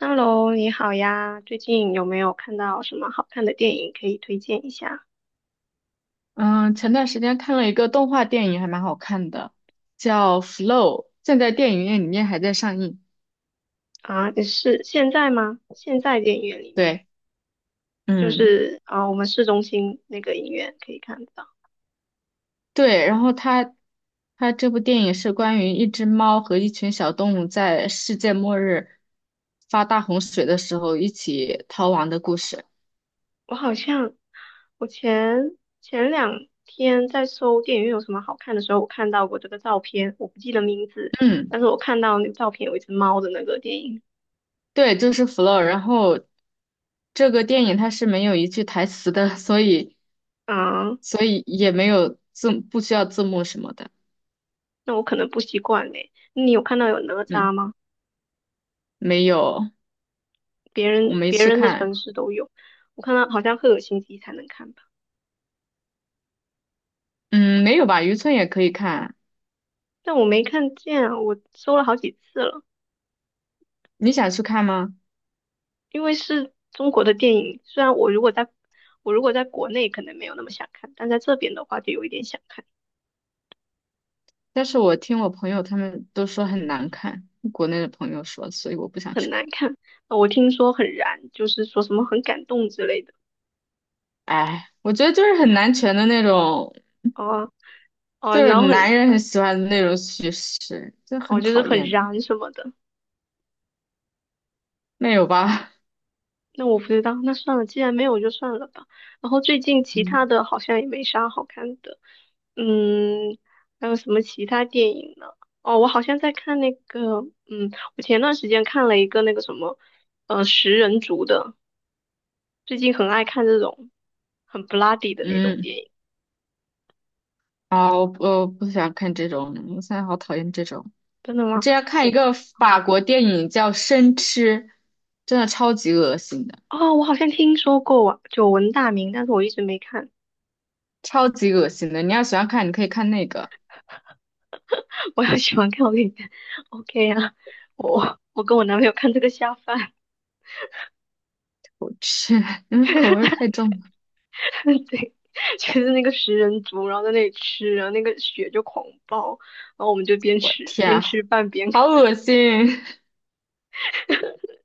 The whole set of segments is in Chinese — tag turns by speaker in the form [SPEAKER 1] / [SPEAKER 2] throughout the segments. [SPEAKER 1] Hello，你好呀，最近有没有看到什么好看的电影可以推荐一下？
[SPEAKER 2] 嗯，前段时间看了一个动画电影，还蛮好看的，叫《Flow》，现在电影院里面还在上映。
[SPEAKER 1] 啊，你是现在吗？现在电影院里面，
[SPEAKER 2] 对，
[SPEAKER 1] 就
[SPEAKER 2] 嗯，
[SPEAKER 1] 是啊，我们市中心那个影院可以看得到。
[SPEAKER 2] 对，然后它这部电影是关于一只猫和一群小动物在世界末日发大洪水的时候一起逃亡的故事。
[SPEAKER 1] 我好像我前两天在搜电影院有什么好看的时候，我看到过这个照片，我不记得名字，
[SPEAKER 2] 嗯，
[SPEAKER 1] 但是我看到那个照片有一只猫的那个电影。
[SPEAKER 2] 对，就是《Flow》，然后这个电影它是没有一句台词的，所以
[SPEAKER 1] 啊，
[SPEAKER 2] 所以也没有字，不需要字幕什么的。
[SPEAKER 1] 那我可能不习惯嘞。你有看到有哪吒
[SPEAKER 2] 嗯，
[SPEAKER 1] 吗？
[SPEAKER 2] 没有。
[SPEAKER 1] 别
[SPEAKER 2] 我
[SPEAKER 1] 人
[SPEAKER 2] 没
[SPEAKER 1] 别
[SPEAKER 2] 去
[SPEAKER 1] 人的城
[SPEAKER 2] 看，
[SPEAKER 1] 市都有。我看到好像赫尔辛基才能看吧，
[SPEAKER 2] 嗯，没有吧？渔村也可以看，
[SPEAKER 1] 但我没看见啊，我搜了好几次了，
[SPEAKER 2] 你想去看吗？
[SPEAKER 1] 因为是中国的电影，虽然我如果在国内可能没有那么想看，但在这边的话就有一点想看，
[SPEAKER 2] 但是我听我朋友他们都说很难看，国内的朋友说，所以我不想去
[SPEAKER 1] 很难
[SPEAKER 2] 看。
[SPEAKER 1] 看。我听说很燃，就是说什么很感动之类的。
[SPEAKER 2] 哎，我觉得就是很男权的那种，
[SPEAKER 1] 哦、哦、
[SPEAKER 2] 就是
[SPEAKER 1] 然后
[SPEAKER 2] 男人很
[SPEAKER 1] 很
[SPEAKER 2] 喜欢的那种叙事，就
[SPEAKER 1] 哦，
[SPEAKER 2] 很
[SPEAKER 1] 就是
[SPEAKER 2] 讨
[SPEAKER 1] 很
[SPEAKER 2] 厌的，
[SPEAKER 1] 燃什么的。
[SPEAKER 2] 没有吧？
[SPEAKER 1] 那我不知道，那算了，既然没有就算了吧。然后最近 其他
[SPEAKER 2] 嗯
[SPEAKER 1] 的好像也没啥好看的，嗯，还有什么其他电影呢？哦，我好像在看那个，嗯，我前段时间看了一个那个什么，食人族的，最近很爱看这种很 bloody 的那种电
[SPEAKER 2] 嗯，
[SPEAKER 1] 影。
[SPEAKER 2] 啊，我不想看这种，我现在好讨厌这种。
[SPEAKER 1] 真的
[SPEAKER 2] 我
[SPEAKER 1] 吗？
[SPEAKER 2] 之前看一
[SPEAKER 1] 我
[SPEAKER 2] 个法国电影叫《生吃》，真的超级恶心的，
[SPEAKER 1] 哦，我好像听说过啊，久闻大名，但是我一直没看。
[SPEAKER 2] 超级恶心的。你要喜欢看，你可以看那个。
[SPEAKER 1] 我要喜欢看，我给你看。OK 啊，我跟我男朋友看这个下饭。
[SPEAKER 2] 我去，因为口味儿太重了。
[SPEAKER 1] 对，就是那个食人族，然后在那里吃，然后那个血就狂爆，然后我们就
[SPEAKER 2] 我天
[SPEAKER 1] 边
[SPEAKER 2] 啊，
[SPEAKER 1] 吃饭边看。
[SPEAKER 2] 好恶心！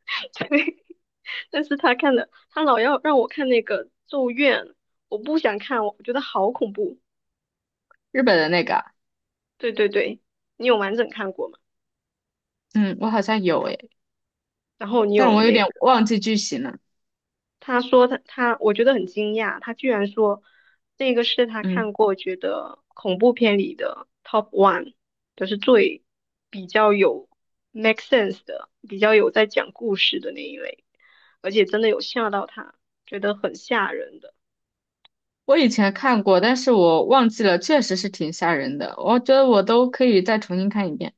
[SPEAKER 1] 对，但是他看的，他老要让我看那个《咒怨》，我不想看，我觉得好恐怖。
[SPEAKER 2] 日本的那个啊，
[SPEAKER 1] 对对对，你有完整看过吗？
[SPEAKER 2] 嗯，我好像有诶，
[SPEAKER 1] 然后你
[SPEAKER 2] 但
[SPEAKER 1] 有
[SPEAKER 2] 我有
[SPEAKER 1] 那
[SPEAKER 2] 点忘记剧情了。
[SPEAKER 1] 他说，我觉得很惊讶，他居然说这个是他
[SPEAKER 2] 嗯，
[SPEAKER 1] 看过觉得恐怖片里的 top one,就是最比较有 make sense 的，比较有在讲故事的那一类，而且真的有吓到他，觉得很吓人的。
[SPEAKER 2] 我以前看过，但是我忘记了，确实是挺吓人的。我觉得我都可以再重新看一遍。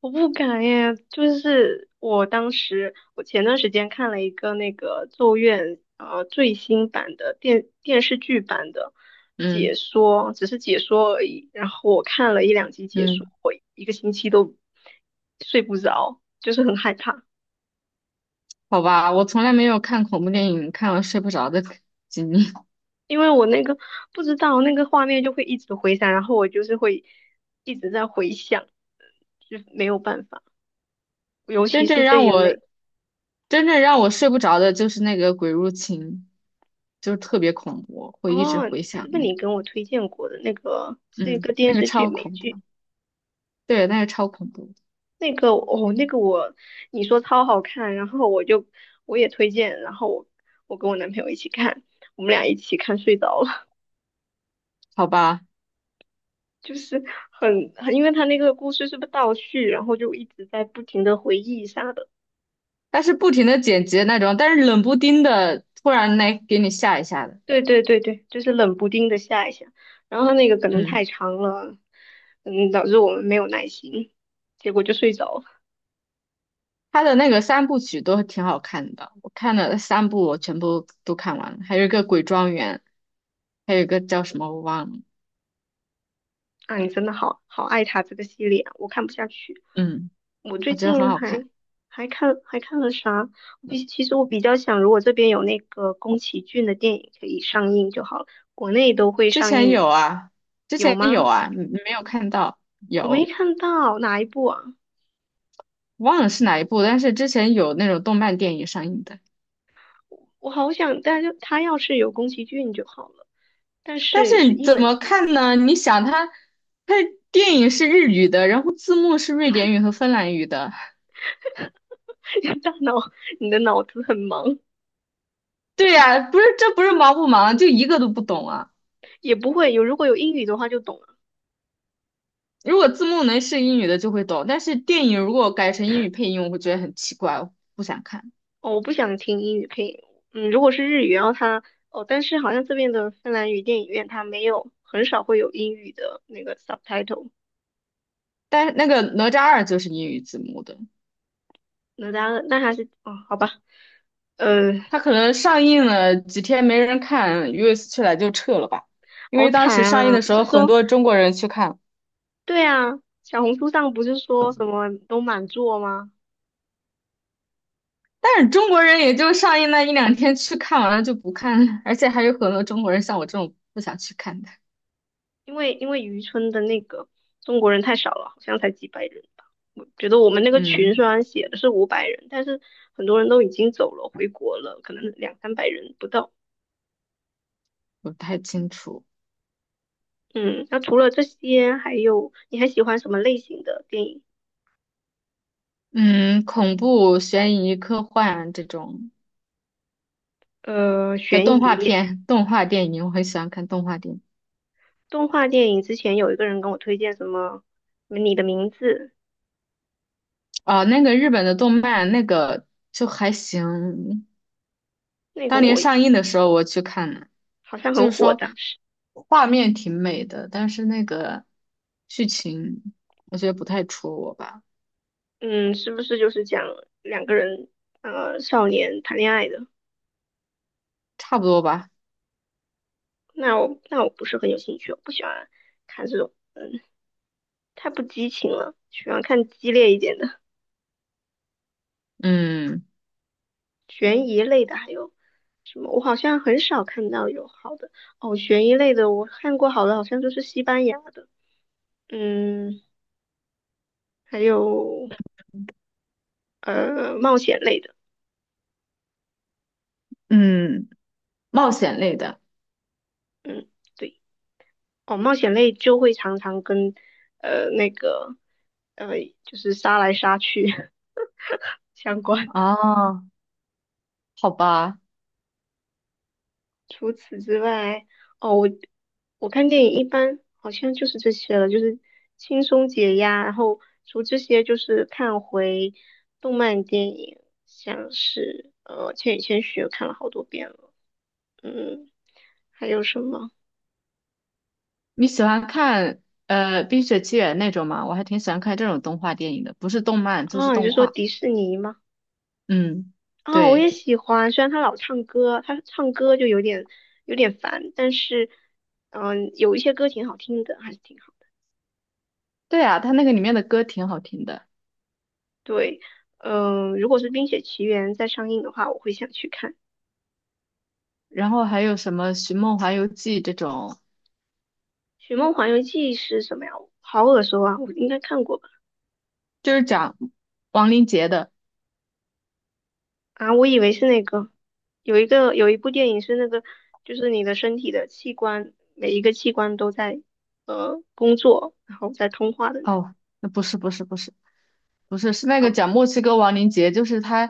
[SPEAKER 1] 我不敢耶，就是我当时，我前段时间看了一个那个咒怨最新版的电视剧版的解
[SPEAKER 2] 嗯
[SPEAKER 1] 说，只是解说而已。然后我看了一两集解说，
[SPEAKER 2] 嗯，
[SPEAKER 1] 我一个星期都睡不着，就是很害怕，
[SPEAKER 2] 好吧，我从来没有看恐怖电影看了睡不着的 经历。
[SPEAKER 1] 因为我那个不知道那个画面就会一直回闪，然后我就是会一直在回想，就没有办法，尤
[SPEAKER 2] 真
[SPEAKER 1] 其是
[SPEAKER 2] 正
[SPEAKER 1] 这
[SPEAKER 2] 让
[SPEAKER 1] 一
[SPEAKER 2] 我
[SPEAKER 1] 类。
[SPEAKER 2] 真正让我睡不着的就是那个《鬼入侵》，就是特别恐怖，会一直
[SPEAKER 1] 哦，
[SPEAKER 2] 回
[SPEAKER 1] 是
[SPEAKER 2] 想
[SPEAKER 1] 不是
[SPEAKER 2] 那个，
[SPEAKER 1] 你跟我推荐过的那个是一
[SPEAKER 2] 嗯，
[SPEAKER 1] 个电
[SPEAKER 2] 那个
[SPEAKER 1] 视剧，
[SPEAKER 2] 超
[SPEAKER 1] 美
[SPEAKER 2] 恐
[SPEAKER 1] 剧？
[SPEAKER 2] 怖。对，那个超恐怖，
[SPEAKER 1] 那个哦，那个我你说超好看，然后我也推荐，然后我跟我男朋友一起看，我们俩一起看睡着了。
[SPEAKER 2] 好吧？
[SPEAKER 1] 就是很，因为他那个故事是不是倒叙，然后就一直在不停的回忆啥的。
[SPEAKER 2] 但是不停的剪辑那种，但是冷不丁的突然来给你吓一吓的，
[SPEAKER 1] 对，就是冷不丁的下一下，然后他那个可能
[SPEAKER 2] 嗯，
[SPEAKER 1] 太长了，嗯，导致我们没有耐心，结果就睡着了。
[SPEAKER 2] 他的那个三部曲都挺好看的，我看了三部，我全部都看完了，还有一个《鬼庄园》，还有一个叫什么我忘了，
[SPEAKER 1] 啊，你真的好爱他这个系列啊，我看不下去。
[SPEAKER 2] 嗯，
[SPEAKER 1] 我最
[SPEAKER 2] 我觉得很
[SPEAKER 1] 近
[SPEAKER 2] 好
[SPEAKER 1] 还
[SPEAKER 2] 看。
[SPEAKER 1] 还看了啥？其实我比较想，如果这边有那个宫崎骏的电影可以上映就好了，国内都会
[SPEAKER 2] 之
[SPEAKER 1] 上
[SPEAKER 2] 前
[SPEAKER 1] 映，
[SPEAKER 2] 有啊，之
[SPEAKER 1] 有
[SPEAKER 2] 前有
[SPEAKER 1] 吗？
[SPEAKER 2] 啊，你没有看到，
[SPEAKER 1] 我没
[SPEAKER 2] 有，
[SPEAKER 1] 看到哪一部啊？
[SPEAKER 2] 忘了是哪一部，但是之前有那种动漫电影上映的。
[SPEAKER 1] 我好想，但是他要是有宫崎骏就好了，但
[SPEAKER 2] 但
[SPEAKER 1] 是是
[SPEAKER 2] 是
[SPEAKER 1] 英
[SPEAKER 2] 怎
[SPEAKER 1] 文
[SPEAKER 2] 么
[SPEAKER 1] 字母。
[SPEAKER 2] 看呢？你想它，它电影是日语的，然后字幕是瑞典语和芬兰语的。
[SPEAKER 1] 大脑你的脑子很忙，
[SPEAKER 2] 对呀，不是，这不是忙不忙，就一个都不懂啊。
[SPEAKER 1] 也不会有，如果有英语的话就懂了。
[SPEAKER 2] 如果字幕能是英语的就会懂，但是电影如果改成英语配音，我会觉得很奇怪，我不想看。
[SPEAKER 1] 哦，我不想听英语配音。嗯，如果是日语，然后它哦，但是好像这边的芬兰语电影院它没有，很少会有英语的那个 subtitle。
[SPEAKER 2] 但是那个哪吒二就是英语字幕的，
[SPEAKER 1] 那当然那还是哦，好吧，呃，
[SPEAKER 2] 它可能上映了几天没人看，US 去来就撤了吧，因
[SPEAKER 1] 好
[SPEAKER 2] 为当
[SPEAKER 1] 惨
[SPEAKER 2] 时上映
[SPEAKER 1] 啊！
[SPEAKER 2] 的
[SPEAKER 1] 不
[SPEAKER 2] 时候
[SPEAKER 1] 是
[SPEAKER 2] 很
[SPEAKER 1] 说
[SPEAKER 2] 多中国人去看。
[SPEAKER 1] 对啊，小红书上不是说什么都满座吗？
[SPEAKER 2] 但是中国人也就上映那一两天去看完了就不看了，而且还有很多中国人像我这种不想去看的。
[SPEAKER 1] 因为渔村的那个中国人太少了，好像才几百人吧。我觉得我们那个群
[SPEAKER 2] 嗯，
[SPEAKER 1] 虽然写的是五百人，但是很多人都已经走了，回国了，可能两三百人不到。
[SPEAKER 2] 我不太清楚。
[SPEAKER 1] 嗯，那除了这些，还有你还喜欢什么类型的电影？
[SPEAKER 2] 嗯，恐怖、悬疑、科幻这种，
[SPEAKER 1] 呃，
[SPEAKER 2] 还有
[SPEAKER 1] 悬
[SPEAKER 2] 动画
[SPEAKER 1] 疑、
[SPEAKER 2] 片、动画电影，我很喜欢看动画电影。
[SPEAKER 1] 动画电影。之前有一个人跟我推荐什么《你的名字》，
[SPEAKER 2] 哦，那个日本的动漫，那个就还行。
[SPEAKER 1] 那个
[SPEAKER 2] 当年
[SPEAKER 1] 我
[SPEAKER 2] 上映的时候我去看了，
[SPEAKER 1] 好像
[SPEAKER 2] 就
[SPEAKER 1] 很
[SPEAKER 2] 是
[SPEAKER 1] 火，
[SPEAKER 2] 说
[SPEAKER 1] 的。
[SPEAKER 2] 画面挺美的，但是那个剧情我觉得不太戳我吧，
[SPEAKER 1] 嗯，是不是就是讲两个人少年谈恋爱的？
[SPEAKER 2] 差不多吧。
[SPEAKER 1] 那我不是很有兴趣，我不喜欢看这种，太不激情了，喜欢看激烈一点的。
[SPEAKER 2] 嗯
[SPEAKER 1] 悬疑类的还有什么？我好像很少看到有好的哦，悬疑类的我看过好的，好像就是西班牙的，嗯，还有冒险类的，
[SPEAKER 2] 嗯，冒险类的
[SPEAKER 1] 嗯，对，哦，冒险类就会常常跟呃那个呃就是杀来杀去 相关。
[SPEAKER 2] 哦，好吧，
[SPEAKER 1] 除此之外，哦，我看电影一般好像就是这些了，就是轻松解压。然后除这些，就是看回动漫电影，像是《千与千寻》看了好多遍了，嗯，还有什么？
[SPEAKER 2] 你喜欢看《冰雪奇缘》那种吗？我还挺喜欢看这种动画电影的，不是动漫就是
[SPEAKER 1] 啊？你
[SPEAKER 2] 动
[SPEAKER 1] 就说
[SPEAKER 2] 画。
[SPEAKER 1] 迪士尼吗？
[SPEAKER 2] 嗯，
[SPEAKER 1] 啊，我
[SPEAKER 2] 对
[SPEAKER 1] 也喜欢，虽然他老唱歌，他唱歌就有点烦，但是嗯、有一些歌挺好听的，还是挺好。
[SPEAKER 2] 对啊，它那个里面的歌挺好听的，
[SPEAKER 1] 对，嗯、如果是《冰雪奇缘》在上映的话，我会想去看。
[SPEAKER 2] 然后还有什么《寻梦环游记》这种，
[SPEAKER 1] 《寻梦环游记》是什么呀？好耳熟啊，我应该看过吧？
[SPEAKER 2] 就是讲王林杰的。
[SPEAKER 1] 啊，我以为是那个，有一部电影是那个，就是你的身体的器官，每一个器官都在工作，然后在通话的那
[SPEAKER 2] 哦，那不是不是不是。不是，是那个
[SPEAKER 1] 个。
[SPEAKER 2] 讲墨西哥亡灵节，就是他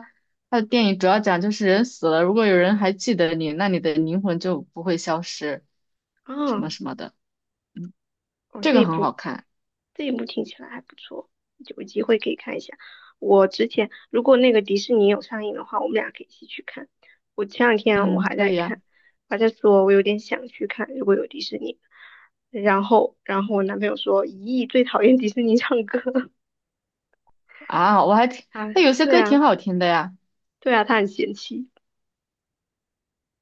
[SPEAKER 2] 他的电影主要讲就是人死了，如果有人还记得你，那你的灵魂就不会消失，什
[SPEAKER 1] 啊，
[SPEAKER 2] 么什么的，
[SPEAKER 1] 哦，
[SPEAKER 2] 这个很好看。
[SPEAKER 1] 这一部听起来还不错，有机会可以看一下。我之前如果那个迪士尼有上映的话，我们俩可以一起去看。我前两天我
[SPEAKER 2] 嗯，
[SPEAKER 1] 还
[SPEAKER 2] 可
[SPEAKER 1] 在
[SPEAKER 2] 以啊。
[SPEAKER 1] 看，还在说我有点想去看，如果有迪士尼。然后我男朋友说，咦，最讨厌迪士尼唱歌
[SPEAKER 2] 啊，我还听
[SPEAKER 1] 啊，
[SPEAKER 2] 他有些
[SPEAKER 1] 对
[SPEAKER 2] 歌
[SPEAKER 1] 啊，
[SPEAKER 2] 挺好听的呀，
[SPEAKER 1] 对啊，他很嫌弃。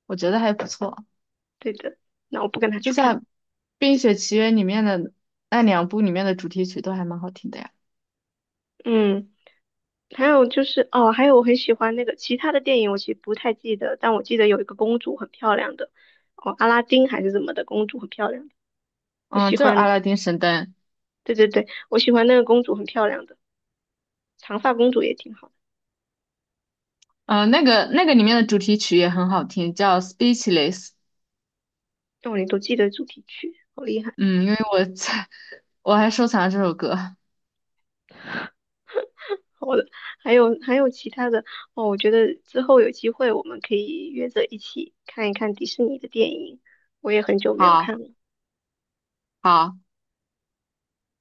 [SPEAKER 2] 我觉得还不错，
[SPEAKER 1] 对的，那我不跟他
[SPEAKER 2] 就
[SPEAKER 1] 去看。
[SPEAKER 2] 像《冰雪奇缘》里面的那两部里面的主题曲都还蛮好听的呀。
[SPEAKER 1] 嗯，还有就是哦，还有我很喜欢那个其他的电影，我其实不太记得，但我记得有一个公主很漂亮的，哦，阿拉丁还是怎么的，公主很漂亮的，我
[SPEAKER 2] 嗯，
[SPEAKER 1] 喜
[SPEAKER 2] 就是《阿
[SPEAKER 1] 欢。
[SPEAKER 2] 拉丁神灯》，
[SPEAKER 1] 对，我喜欢那个公主很漂亮的，长发公主也挺好
[SPEAKER 2] 嗯，那个里面的主题曲也很好听，叫《Speechless》。
[SPEAKER 1] 的，哦，你都记得主题曲，好厉害。
[SPEAKER 2] 嗯，因为我在 我还收藏了这首歌。
[SPEAKER 1] 好的，还有其他的哦，我觉得之后有机会我们可以约着一起看一看迪士尼的电影，我也很久没有
[SPEAKER 2] 好。
[SPEAKER 1] 看了。
[SPEAKER 2] 好，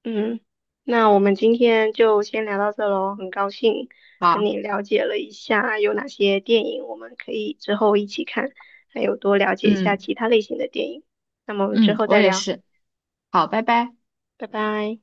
[SPEAKER 1] 嗯，那我们今天就先聊到这喽。很高兴跟
[SPEAKER 2] 好，
[SPEAKER 1] 你了解了一下有哪些电影我们可以之后一起看，还有多了解一下
[SPEAKER 2] 嗯
[SPEAKER 1] 其他类型的电影。那么我们之
[SPEAKER 2] 嗯，
[SPEAKER 1] 后
[SPEAKER 2] 我
[SPEAKER 1] 再
[SPEAKER 2] 也
[SPEAKER 1] 聊，
[SPEAKER 2] 是，好，拜拜。
[SPEAKER 1] 拜拜。